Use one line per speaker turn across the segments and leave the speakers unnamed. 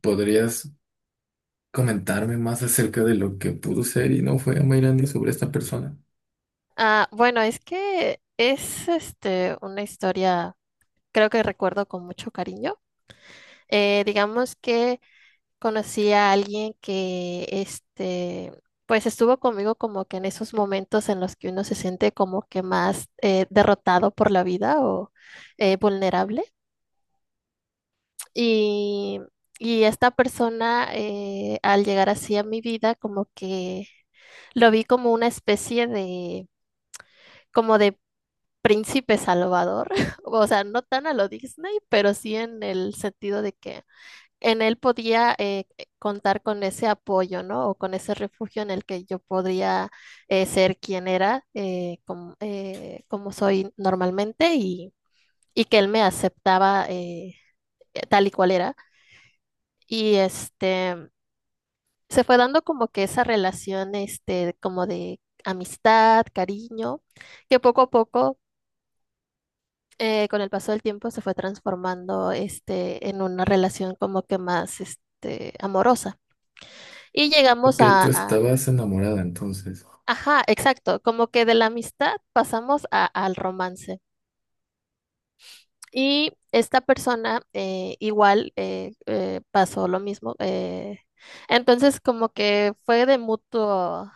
¿Podrías comentarme más acerca de lo que pudo ser y no fue a Mayrandi sobre esta persona?
Bueno, es que es una historia, creo que recuerdo con mucho cariño. Digamos que conocí a alguien que pues estuvo conmigo como que en esos momentos en los que uno se siente como que más derrotado por la vida o vulnerable. Y, y esta persona al llegar así a mi vida como que lo vi como una especie de como de príncipe salvador, o sea, no tan a lo Disney, pero sí en el sentido de que en él podía contar con ese apoyo, ¿no? O con ese refugio en el que yo podría ser quien era, como soy normalmente, y que él me aceptaba tal y cual era. Y se fue dando como que esa relación, como de amistad, cariño, que poco a poco con el paso del tiempo se fue transformando en una relación como que más amorosa. Y llegamos
Ok, tú estabas enamorada entonces.
ajá, exacto, como que de la amistad pasamos al romance. Y esta persona igual pasó lo mismo. Entonces como que fue de mutuo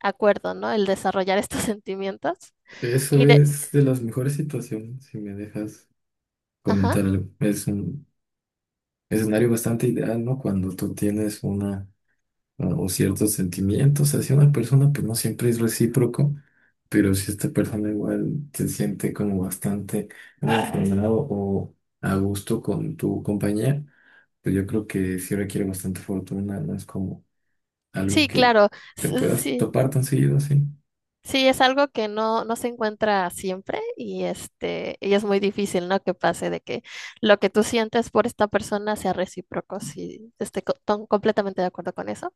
acuerdo, ¿no? El desarrollar estos sentimientos.
Eso
Y de,
es de las mejores situaciones, si me dejas
ajá,
comentar algo. Es un escenario bastante ideal, ¿no? Cuando tú tienes una o ciertos sentimientos hacia una persona, pues no siempre es recíproco, pero si esta persona igual se siente como bastante emocionado o a gusto con tu compañía. Pero yo creo que sí requiere bastante fortuna, no es como algo
sí,
que
claro,
te puedas
sí.
topar tan seguido así.
Sí, es algo que no se encuentra siempre y y es muy difícil, ¿no? Que pase de que lo que tú sientes por esta persona sea recíproco, si estoy completamente de acuerdo con eso.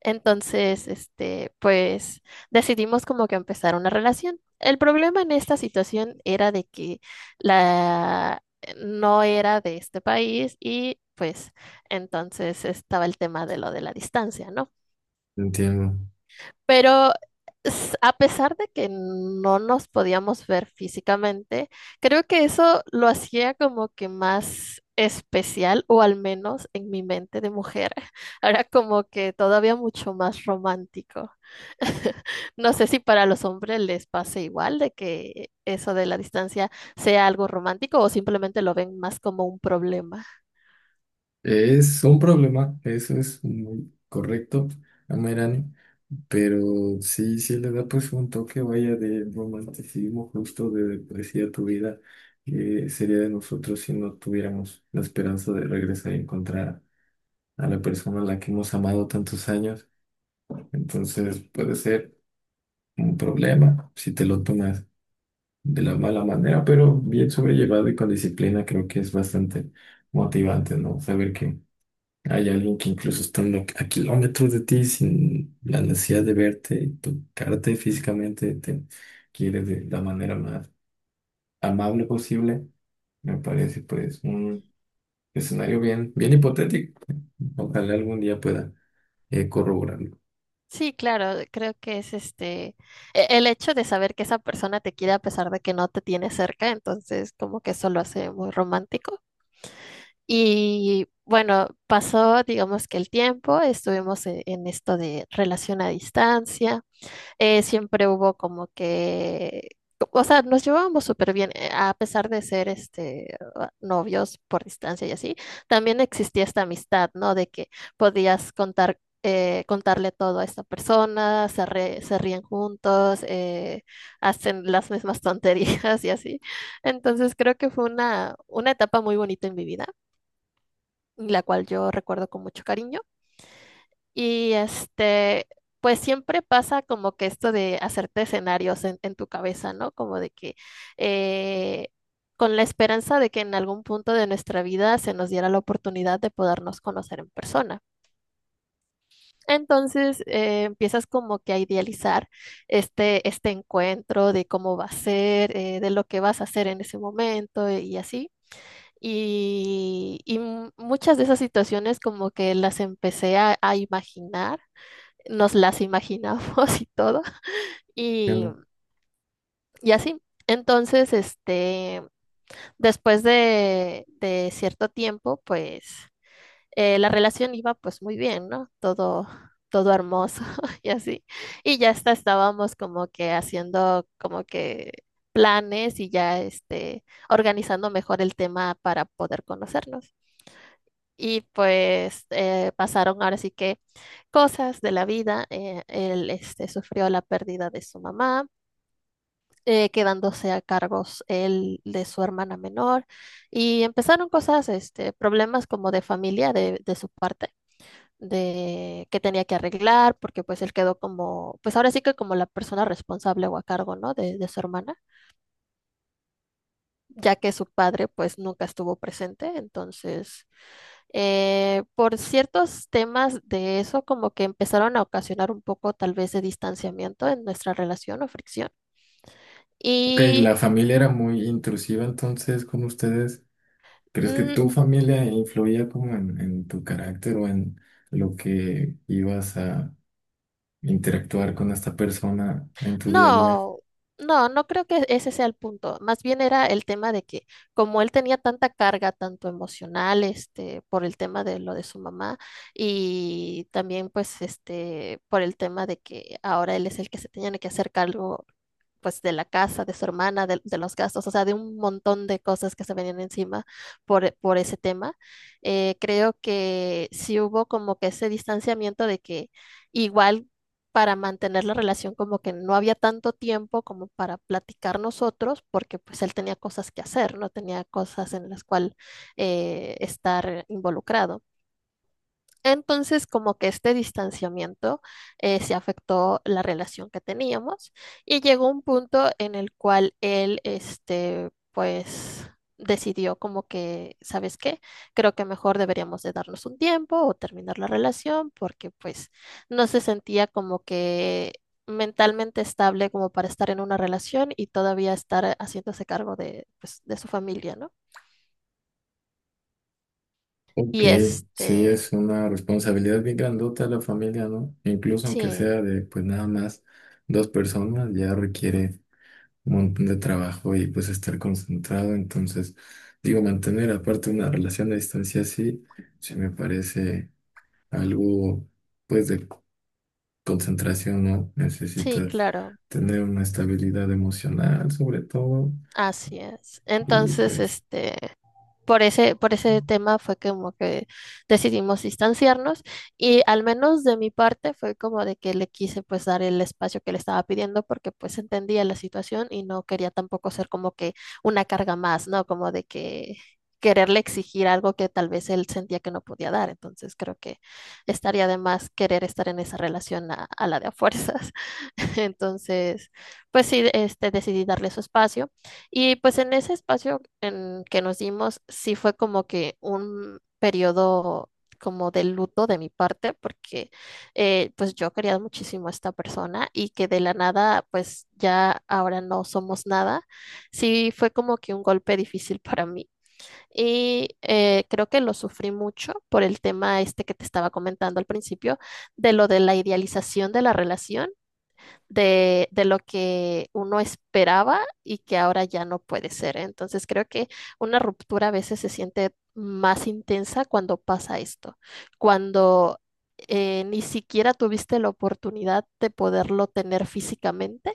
Entonces, pues decidimos como que empezar una relación. El problema en esta situación era de que la no era de este país y pues entonces estaba el tema de lo de la distancia, ¿no?
Entiendo.
Pero a pesar de que no nos podíamos ver físicamente, creo que eso lo hacía como que más especial, o al menos en mi mente de mujer. Era como que todavía mucho más romántico. No sé si para los hombres les pase igual de que eso de la distancia sea algo romántico o simplemente lo ven más como un problema.
Es un problema, eso es muy correcto, Amerani, pero sí, sí le da pues un toque, vaya, de romanticismo justo, de poesía a tu vida. Que sería de nosotros si no tuviéramos la esperanza de regresar y encontrar a la persona a la que hemos amado tantos años? Entonces puede ser un problema si te lo tomas de la mala manera, pero bien sobrellevado y con disciplina creo que es bastante motivante, ¿no? Saber que hay alguien que incluso estando a kilómetros de ti, sin la necesidad de verte, y tocarte físicamente, te quiere de la manera más amable posible, me parece pues un escenario bien, bien hipotético. Ojalá algún día pueda corroborarlo.
Sí, claro, creo que es el hecho de saber que esa persona te quiere a pesar de que no te tiene cerca, entonces como que eso lo hace muy romántico. Y bueno, pasó, digamos que el tiempo, estuvimos en esto de relación a distancia siempre hubo como que, o sea, nos llevábamos súper bien, a pesar de ser novios por distancia y así, también existía esta amistad, ¿no? De que podías contar, contarle todo a esta persona, se ríen juntos, hacen las mismas tonterías y así. Entonces creo que fue una etapa muy bonita en mi vida, la cual yo recuerdo con mucho cariño. Y pues siempre pasa como que esto de hacerte escenarios en tu cabeza, ¿no? Como de que eh, con la esperanza de que en algún punto de nuestra vida se nos diera la oportunidad de podernos conocer en persona. Entonces empiezas como que a idealizar este encuentro de cómo va a ser, de lo que vas a hacer en ese momento y así. Muchas de esas situaciones como que las empecé a imaginar nos las imaginamos y todo, y,
Bueno.
y así. Entonces, después de cierto tiempo, pues la relación iba pues muy bien, ¿no? Todo hermoso y así. Y ya hasta estábamos como que haciendo como que planes y ya organizando mejor el tema para poder conocernos. Y pues pasaron ahora sí que cosas de la vida. Él sufrió la pérdida de su mamá, quedándose a cargos él de su hermana menor y empezaron cosas, problemas como de familia de su parte, de que tenía que arreglar, porque pues él quedó como, pues ahora sí que como la persona responsable o a cargo, ¿no? De su hermana, ya que su padre pues nunca estuvo presente, entonces por ciertos temas de eso, como que empezaron a ocasionar un poco tal vez de distanciamiento en nuestra relación o fricción.
Ok,
Y
la familia era muy intrusiva entonces con ustedes. ¿Crees que
mm,
tu familia influía como en tu carácter o en lo que ibas a interactuar con esta persona en tu día a día?
no, no creo que ese sea el punto. Más bien era el tema de que como él tenía tanta carga, tanto emocional, por el tema de lo de su mamá y también pues por el tema de que ahora él es el que se tenía que hacer cargo pues de la casa, de su hermana, los gastos, o sea, de un montón de cosas que se venían encima por ese tema. Creo que sí hubo como que ese distanciamiento de que igual para mantener la relación como que no había tanto tiempo como para platicar nosotros, porque pues él tenía cosas que hacer, no tenía cosas en las cuales estar involucrado. Entonces, como que este distanciamiento se afectó la relación que teníamos y llegó un punto en el cual él, pues decidió como que, ¿sabes qué? Creo que mejor deberíamos de darnos un tiempo o terminar la relación porque pues no se sentía como que mentalmente estable como para estar en una relación y todavía estar haciéndose cargo de, pues, de su familia, ¿no?
Ok,
Y
sí es una responsabilidad bien grandota la familia, ¿no? Incluso aunque
sí,
sea de pues nada más dos personas, ya requiere un montón de trabajo y pues estar concentrado. Entonces, digo, mantener aparte una relación a distancia así, sí me parece algo pues de concentración, ¿no?
sí,
Necesitas
claro.
tener una estabilidad emocional, sobre todo,
Así es.
y
Entonces,
pues,
por ese tema fue como que decidimos distanciarnos y al menos de mi parte fue como de que le quise pues dar el espacio que le estaba pidiendo porque pues entendía la situación y no quería tampoco ser como que una carga más, ¿no? Como de que quererle exigir algo que tal vez él sentía que no podía dar. Entonces creo que estaría de más querer estar en esa relación a la de a fuerzas. Entonces, pues sí, decidí darle su espacio. Y pues en ese espacio en que nos dimos, sí fue como que un periodo como de luto de mi parte, porque pues yo quería muchísimo a esta persona y que de la nada, pues ya ahora no somos nada, sí fue como que un golpe difícil para mí. Y creo que lo sufrí mucho por el tema este que te estaba comentando al principio, de lo de la idealización de la relación de lo que uno esperaba y que ahora ya no puede ser. Entonces creo que una ruptura a veces se siente más intensa cuando pasa esto, cuando ni siquiera tuviste la oportunidad de poderlo tener físicamente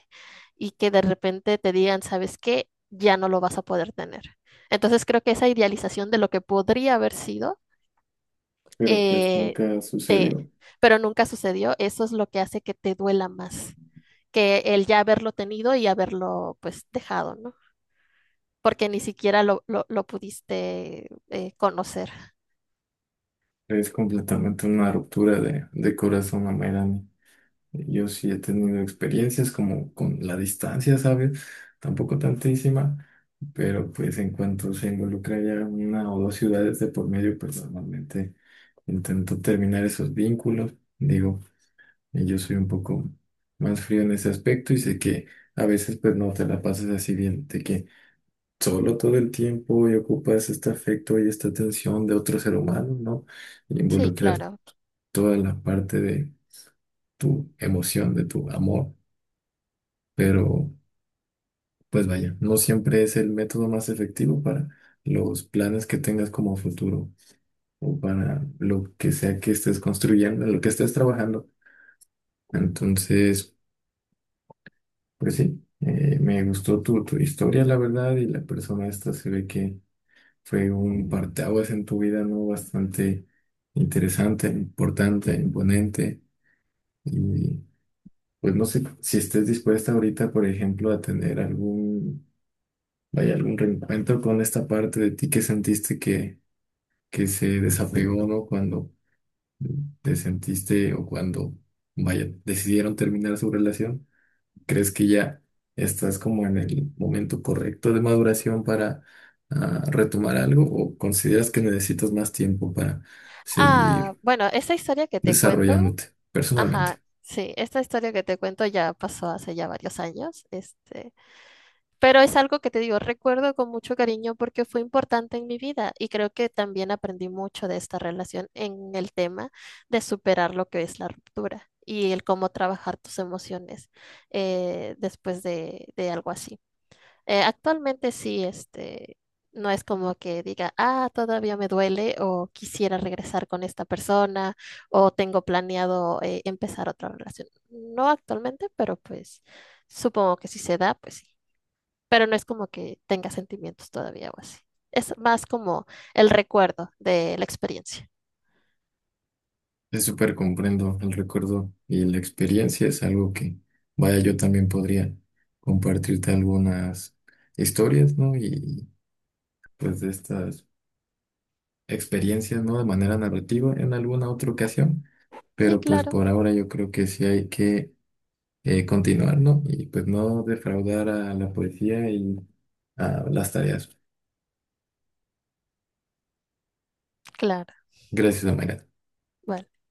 y que de repente te digan, ¿sabes qué? Ya no lo vas a poder tener. Entonces creo que esa idealización de lo que podría haber sido,
pero pues
eh,
nunca
te,
sucedió.
pero nunca sucedió, eso es lo que hace que te duela más que el ya haberlo tenido y haberlo pues dejado, ¿no? Porque ni siquiera lo pudiste conocer.
Es completamente una ruptura de corazón a Mayrani. Yo sí he tenido experiencias como con la distancia, ¿sabes? Tampoco tantísima, pero pues en cuanto se involucra ya una o dos ciudades de por medio, pues normalmente intento terminar esos vínculos. Digo, y yo soy un poco más frío en ese aspecto y sé que a veces pues no te la pasas así bien, de que solo todo el tiempo y ocupas este afecto y esta atención de otro ser humano, ¿no? Y
Sí,
involucrar
claro.
toda la parte de tu emoción, de tu amor, pero pues vaya, no siempre es el método más efectivo para los planes que tengas como futuro o para lo que sea que estés construyendo, en lo que estés trabajando. Entonces... Pues sí, me gustó tu, tu historia, la verdad, y la persona esta se ve que fue un parteaguas en tu vida, ¿no? Bastante interesante, importante, imponente. Y pues no sé si estés dispuesta ahorita, por ejemplo, a tener algún, vaya, algún reencuentro con esta parte de ti que sentiste que se desapegó, ¿no? Cuando te sentiste o cuando, vaya, decidieron terminar su relación. ¿Crees que ya estás como en el momento correcto de maduración para retomar algo o consideras que necesitas más tiempo para
Ah,
seguir
bueno, esta historia que te cuento,
desarrollándote
ajá,
personalmente?
sí, esta historia que te cuento ya pasó hace ya varios años, este. Pero es algo que te digo, recuerdo con mucho cariño porque fue importante en mi vida y creo que también aprendí mucho de esta relación en el tema de superar lo que es la ruptura y el cómo trabajar tus emociones después de algo así. Actualmente sí, no es como que diga, ah, todavía me duele o quisiera regresar con esta persona o tengo planeado empezar otra relación. No actualmente, pero pues supongo que si se da, pues sí pero no es como que tenga sentimientos todavía o así. Es más como el recuerdo de la experiencia.
Es súper comprendo el recuerdo y la experiencia es algo que, vaya, yo también podría compartirte algunas historias, ¿no? Y pues de estas experiencias, ¿no? De manera narrativa en alguna otra ocasión,
Sí,
pero pues
claro,
por ahora yo creo que sí hay que continuar, ¿no? Y pues no defraudar a la poesía y a las tareas.
claro.
Gracias, Mayra.
Vale.